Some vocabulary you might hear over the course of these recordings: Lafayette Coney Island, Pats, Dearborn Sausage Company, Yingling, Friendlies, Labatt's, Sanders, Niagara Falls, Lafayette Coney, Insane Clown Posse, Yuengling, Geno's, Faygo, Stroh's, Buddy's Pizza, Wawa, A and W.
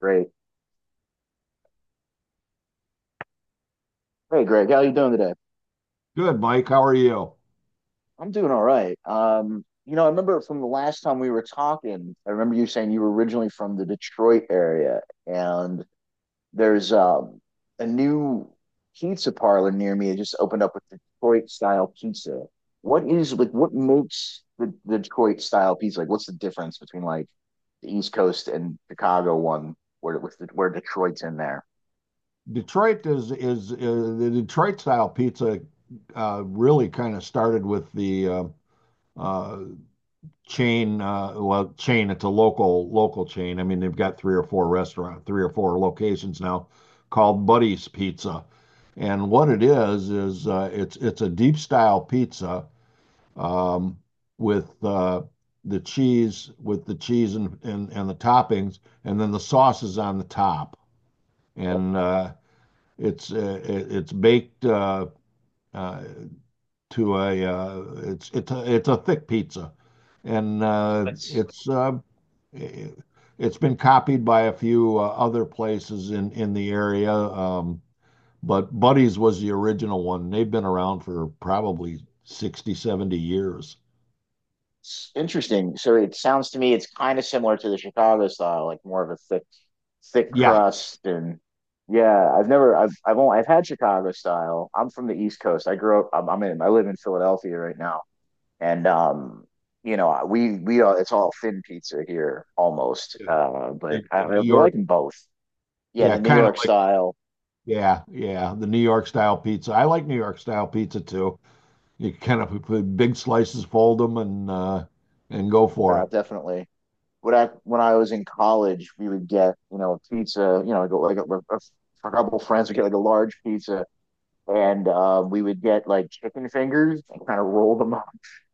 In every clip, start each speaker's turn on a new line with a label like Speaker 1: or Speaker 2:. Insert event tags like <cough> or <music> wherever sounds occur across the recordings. Speaker 1: Great. Hey, Greg, how you doing today?
Speaker 2: Good, Mike. How are you?
Speaker 1: I'm doing all right. You know, I remember from the last time we were talking, I remember you saying you were originally from the Detroit area, and there's a new pizza parlor near me. It just opened up with Detroit style pizza. What is like what makes the Detroit style pizza? Like, what's the difference between like the East Coast and Chicago one, where with where Detroit's in there?
Speaker 2: Detroit is the Detroit style pizza, really kind of started with the uh, chain. Well, chain. It's a local chain. I mean, they've got three or four locations now, called Buddy's Pizza. And what it is, it's a deep style pizza, um, with uh, with the cheese and the toppings, and then the sauce is on the top. And It's uh, it's baked, uh, to a it's a thick pizza, and it's been copied by a few other places in the area. But Buddy's was the original one. They've been around for probably 60 to 70 years.
Speaker 1: Interesting. So it sounds to me it's kind of similar to the Chicago style, like more of a thick
Speaker 2: Yeah,
Speaker 1: crust and yeah, I've never I've I've only I've had Chicago style. I'm from the East Coast. I grew up I'm in I live in Philadelphia right now. And you know, we are it's all thin pizza here almost.
Speaker 2: yeah.
Speaker 1: But
Speaker 2: the, the
Speaker 1: I
Speaker 2: New York,
Speaker 1: like them both. Yeah,
Speaker 2: yeah,
Speaker 1: the New
Speaker 2: kind of
Speaker 1: York
Speaker 2: like,
Speaker 1: style
Speaker 2: yeah, yeah, the New York style pizza. I like New York style pizza too. You kind of big slices, fold them, and go for it.
Speaker 1: definitely. When I was in college, we would get, you know, pizza, you know, go like a couple friends would get like a large pizza and we would get like chicken fingers and kind of roll them <laughs> up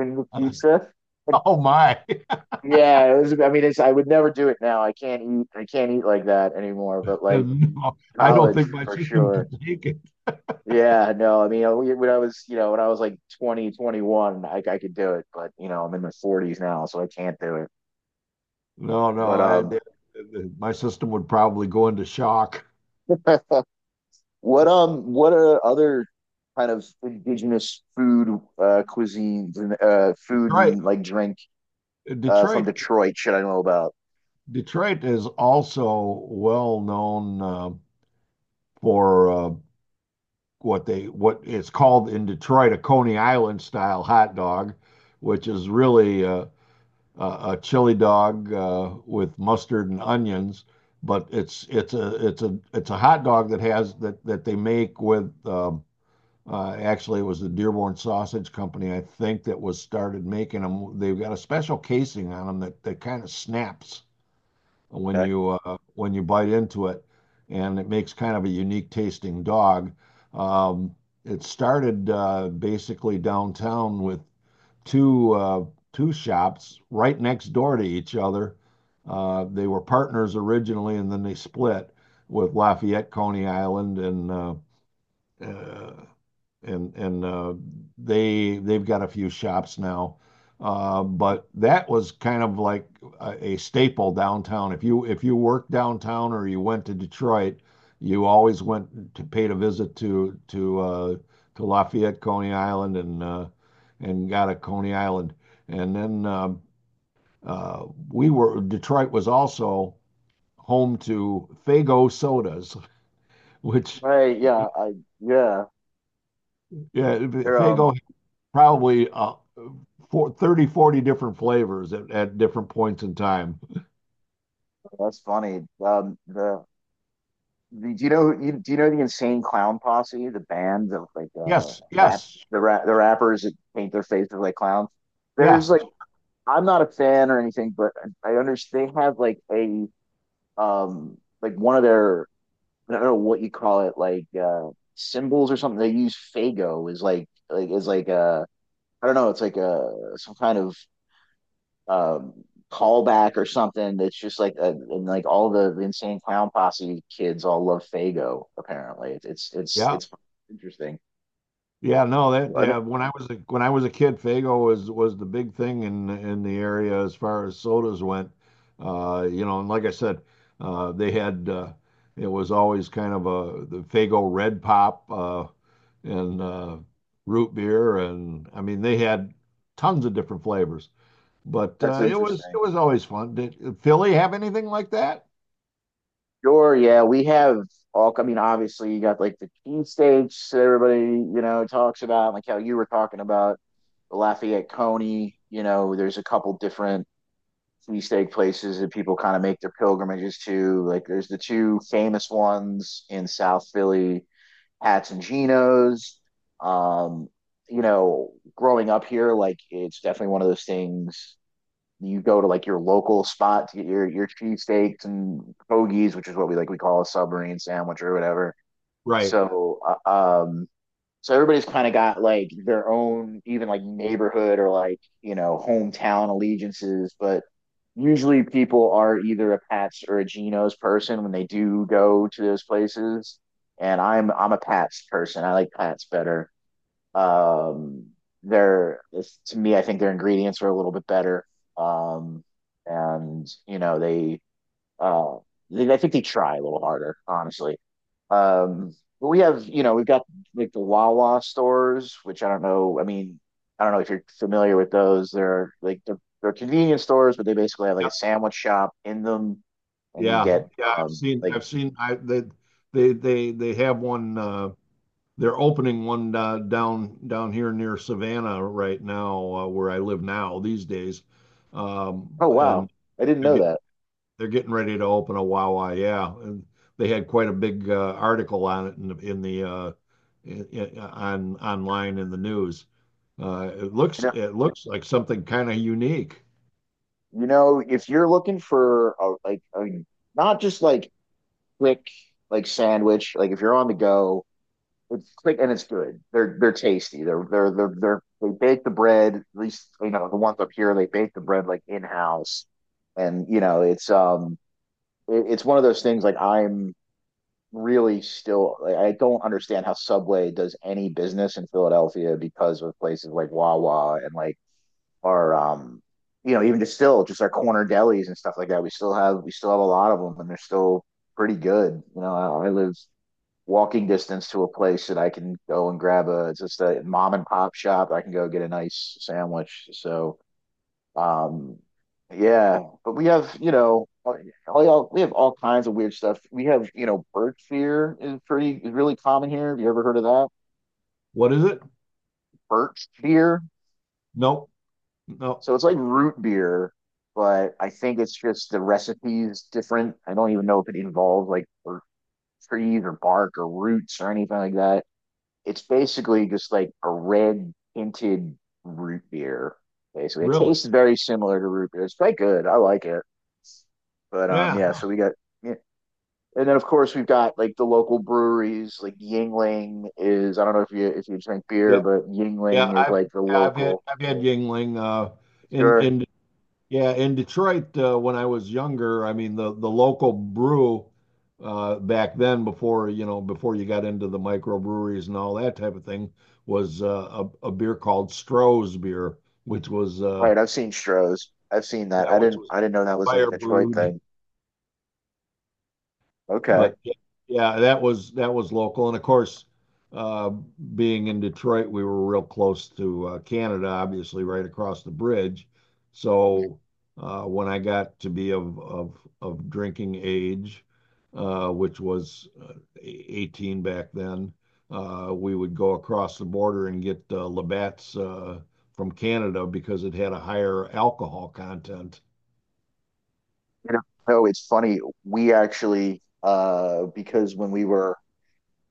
Speaker 1: in the pizza. And,
Speaker 2: Oh my! <laughs>
Speaker 1: yeah, it was. I mean, it's. I would never do it now. I can't eat like that anymore. But like
Speaker 2: No, I don't
Speaker 1: college
Speaker 2: think my
Speaker 1: for
Speaker 2: system
Speaker 1: sure.
Speaker 2: could take it.
Speaker 1: Yeah, no. I mean, when I was, you know, when I was like 20, 21, I could do it. But you know, I'm in my 40s now, so I can't do it.
Speaker 2: No, no,
Speaker 1: But
Speaker 2: my system would probably go into shock.
Speaker 1: what are other kind of indigenous food cuisines and food
Speaker 2: Detroit,
Speaker 1: and like drink from
Speaker 2: Detroit,
Speaker 1: Detroit should I know about?
Speaker 2: Detroit is also well known, for, what it's called in Detroit, a Coney Island style hot dog, which is really a chili dog, with mustard and onions, but it's a hot dog that they make with, actually, it was the Dearborn Sausage Company, I think, that was started making them. They've got a special casing on them that kind of snaps when
Speaker 1: Okay.
Speaker 2: you, bite into it, and it makes kind of a unique tasting dog. Um, it started, basically, downtown with two uh, two shops right next door to each other. They were partners originally, and then they split with Lafayette, Coney Island, and uh, and and uh, they've got a few shops now. But that was kind of like a staple downtown. If you, worked downtown or you went to Detroit, you always went to paid a visit to Lafayette, Coney Island, and got a Coney Island. And then we were Detroit was also home to Faygo sodas, <laughs> which,
Speaker 1: Right, yeah, I yeah.
Speaker 2: yeah,
Speaker 1: They're
Speaker 2: Faygo, probably, for 30 to 40 different flavors at different points in time.
Speaker 1: that's funny. The do you know do you know the Insane Clown Posse, the band that like
Speaker 2: Yes,
Speaker 1: rap
Speaker 2: yes,
Speaker 1: the rappers that paint their faces like clowns?
Speaker 2: yeah,
Speaker 1: There's like I'm not a fan or anything, but I understand they have like a like one of their I don't know what you call it, like symbols or something. They use Faygo is is like I don't know, it's like a some kind of um, callback or something that's just like and like all the insane clown posse kids all love Faygo. Apparently.
Speaker 2: yeah.
Speaker 1: It's interesting.
Speaker 2: Yeah, no, that,
Speaker 1: What?
Speaker 2: that when when I was a kid, Fago was the big thing in the area as far as sodas went. You know, and like I said, they had it was always kind of a the Fago Red Pop, and root beer, and I mean they had tons of different flavors. But
Speaker 1: That's
Speaker 2: uh, it was it
Speaker 1: interesting.
Speaker 2: was always fun. Did Philly have anything like that?
Speaker 1: Sure, yeah, we have all. I mean, obviously, you got like the cheesesteaks that everybody you know talks about, like how you were talking about the Lafayette Coney. You know, there's a couple different cheesesteak places that people kind of make their pilgrimages to. Like, there's the two famous ones in South Philly hats and chinos. Um, you know, growing up here, like it's definitely one of those things you go to like your local spot to get your cheesesteaks and hoagies, which is what we call a submarine sandwich or whatever.
Speaker 2: Right.
Speaker 1: So uh, um, so everybody's kind of got like their own, even like neighborhood or like, you know, hometown allegiances. But usually people are either a Pats or a Geno's person when they do go to those places. And I'm a Pats person. I like Pats better. Um, they're to me, I think their ingredients are a little bit better. Um, and you know they uh, I think they try a little harder, honestly. Um, but we have, you know, we've got like the Wawa stores, which I don't know. I mean, I don't know if you're familiar with those. They're like they're convenience stores, but they basically have like
Speaker 2: Yep.
Speaker 1: a sandwich shop in them, and you
Speaker 2: Yeah.
Speaker 1: get
Speaker 2: Yeah. I've seen.
Speaker 1: like
Speaker 2: I've seen. I they have one. They're opening one, down here near Savannah right now, where I live now these days,
Speaker 1: oh wow,
Speaker 2: and
Speaker 1: I didn't
Speaker 2: they're
Speaker 1: know
Speaker 2: getting
Speaker 1: that.
Speaker 2: they're getting ready to open a Wawa. Yeah, and they had quite a big, article on it in the, in the in- on online in the news. It looks
Speaker 1: You know,
Speaker 2: it looks like something kind of unique.
Speaker 1: you know, if you're looking for not just like quick like sandwich, like if you're on the go it's quick and it's good. They're tasty. They bake the bread. At least you know the ones up here they bake the bread like in house, and you know it's it, it's one of those things like I'm really still like, I don't understand how Subway does any business in Philadelphia because of places like Wawa and like our you know even just still just our corner delis and stuff like that we still have a lot of them and they're still pretty good. You know I live walking distance to a place that I can go and grab a it's just a mom and pop shop I can go get a nice sandwich. So um yeah but we have you know we have all kinds of weird stuff. We have you know birch beer is pretty is really common here. Have you ever heard of that?
Speaker 2: What is it?
Speaker 1: Birch beer.
Speaker 2: Nope. No,
Speaker 1: So it's like root beer, but I think it's just the recipe's different. I don't even know if it involves like or trees or bark or roots or anything like that. It's basically just like a red tinted root beer. Basically, it
Speaker 2: really?
Speaker 1: tastes very similar to root beer. It's quite good. I like it. But
Speaker 2: Yeah,
Speaker 1: yeah. So we got yeah. And then of course we've got like the local breweries, like Yingling is I don't know if you drink beer,
Speaker 2: yeah,
Speaker 1: but
Speaker 2: yeah.
Speaker 1: Yingling is like the local.
Speaker 2: I've had Yingling, in
Speaker 1: Sure.
Speaker 2: in yeah, in Detroit, when I was younger. I mean the local brew back then, before, before you got into the microbreweries and all that type of thing, was, a beer called Stroh's beer, which was
Speaker 1: Right, I've seen Stroh's. I've seen that.
Speaker 2: yeah, which was
Speaker 1: I didn't know that was like a
Speaker 2: fire
Speaker 1: Detroit
Speaker 2: brewed.
Speaker 1: thing. Okay.
Speaker 2: But yeah, that was local, and of course, uh, being in Detroit, we were real close to, Canada, obviously, right across the bridge. So, when I got to be of drinking age, which was, 18 back then. We would go across the border and get, Labatt's, from Canada, because it had a higher alcohol content.
Speaker 1: You know, oh, it's funny. We actually because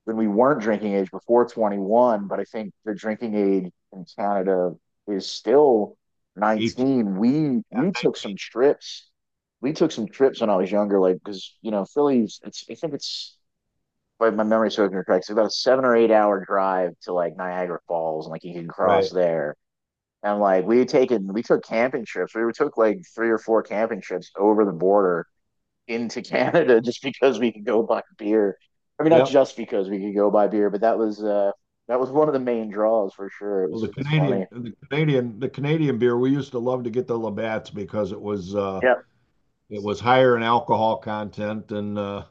Speaker 1: when we weren't drinking age before 21, but I think the drinking age in Canada is still
Speaker 2: 18,
Speaker 1: 19. We took some
Speaker 2: 19,
Speaker 1: trips. We took some trips when I was younger, like because you know, Philly's it's I think it's by my memory serving me correct, it's about a 7 or 8 hour drive to like Niagara Falls and like you can cross
Speaker 2: right?
Speaker 1: there. And like we took camping trips. We took like three or four camping trips over the border into <laughs> Canada just because we could go buy beer. I mean, not
Speaker 2: Yep.
Speaker 1: just because we could go buy beer, but that was one of the main draws for sure. It
Speaker 2: Well,
Speaker 1: was it's funny.
Speaker 2: The Canadian beer, we used to love to get the Labatt's, because
Speaker 1: Yeah.
Speaker 2: it was higher in alcohol content, and uh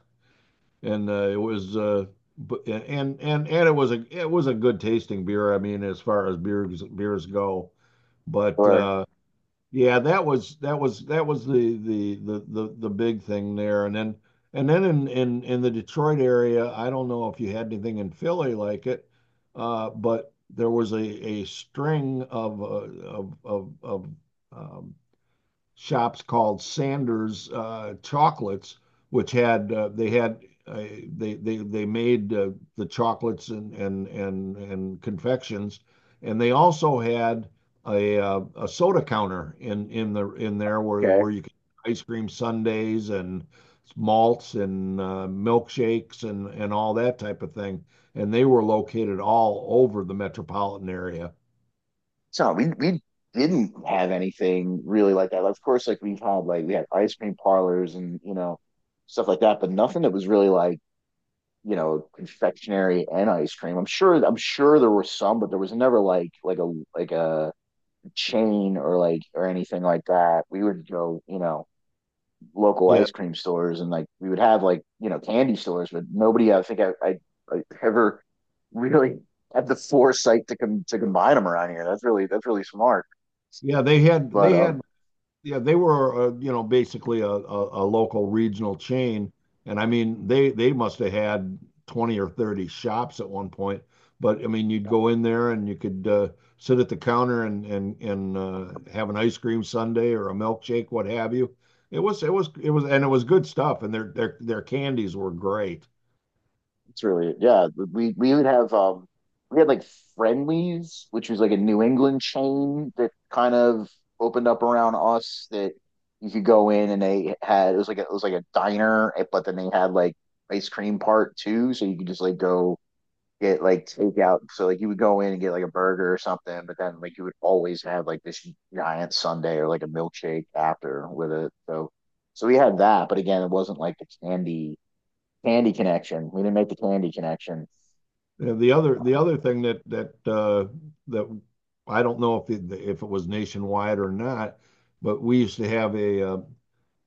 Speaker 2: and uh, it was bu- and it was a good tasting beer. I mean, as far as beers go, but
Speaker 1: Or
Speaker 2: yeah, that was the big thing there. And then in the Detroit area, I don't know if you had anything in Philly like it, but there was a string of of of of um, shops called Sanders, Chocolates, which had they had uh, they made the chocolates and confections, and they also had a soda counter in there where
Speaker 1: okay,
Speaker 2: you could, ice cream sundaes and malts and, milkshakes, and all that type of thing. And they were located all over the metropolitan area.
Speaker 1: so we didn't have anything really like that. Of course, like we had ice cream parlors and you know stuff like that, but nothing that was really like you know, confectionery and ice cream. I'm sure there were some, but there was never like a chain or like or anything like that. We would go, you know, local
Speaker 2: Yeah,
Speaker 1: ice cream stores and like we would have like, you know, candy stores, but nobody I think I ever really had the foresight to to combine them around here. That's really smart.
Speaker 2: yeah,
Speaker 1: But
Speaker 2: they had yeah, they were, you know, basically a local regional chain. And I mean, they must have had 20 or 30 shops at one point. But I mean, you'd go in there and you could, sit at the counter and have an ice cream sundae or a milkshake, what have you. It was it was it was and it was good stuff. And their candies were great.
Speaker 1: it's really yeah. We would have we had like Friendlies, which was like a New England chain that kind of opened up around us that you could go in and they had it was like it was like a diner, eh, but then they had like ice cream part too, so you could just like go get like takeout. So like you would go in and get like a burger or something, but then like you would always have like this giant sundae or like a milkshake after with it. So so we had that, but again, it wasn't like the candy Candy connection. We didn't make the candy connection.
Speaker 2: And the other thing that, that, I don't know if if it was nationwide or not, but we used to have, a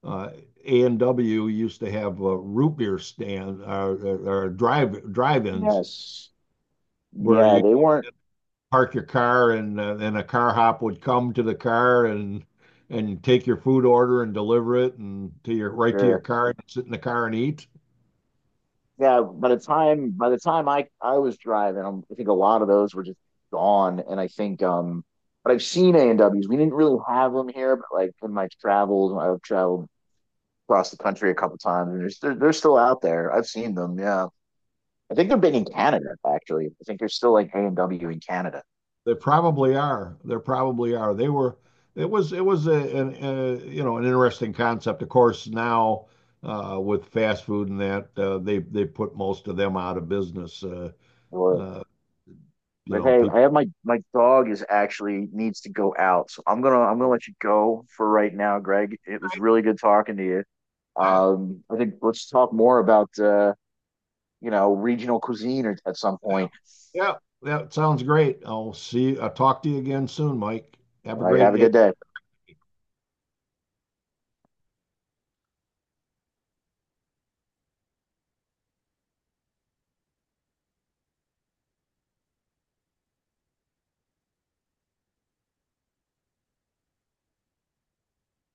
Speaker 2: uh, A&W used to have a root beer stand, or, drive
Speaker 1: Yeah.
Speaker 2: drive-ins
Speaker 1: Yes.
Speaker 2: where
Speaker 1: Yeah,
Speaker 2: you
Speaker 1: they weren't
Speaker 2: park your car, and, a car hop would come to the car and take your food order and deliver it, and to your
Speaker 1: sure.
Speaker 2: car, and sit in the car and eat.
Speaker 1: Yeah, by the time I was driving, I think a lot of those were just gone. And I think but I've seen A and W's. We didn't really have them here, but like in my travels, I've traveled across the country a couple times, and they're still out there. I've seen them. Yeah, I think they're big in Canada actually. I think they're still like A and W in Canada.
Speaker 2: They probably are. There probably are. They were. It was. It was a, an a you know an interesting concept. Of course, now, with fast food and that, they put most of them out of business.
Speaker 1: Or
Speaker 2: Uh,
Speaker 1: but hey,
Speaker 2: People.
Speaker 1: I have my dog is actually needs to go out, so I'm gonna let you go for right now, Greg. It was really good talking to you.
Speaker 2: All right.
Speaker 1: I think let's talk more about you know regional cuisine at some
Speaker 2: Yeah.
Speaker 1: point.
Speaker 2: Yeah. That sounds great. I'll see you. I'll talk to you again soon, Mike.
Speaker 1: All
Speaker 2: Have a
Speaker 1: right,
Speaker 2: great
Speaker 1: have a
Speaker 2: day.
Speaker 1: good day.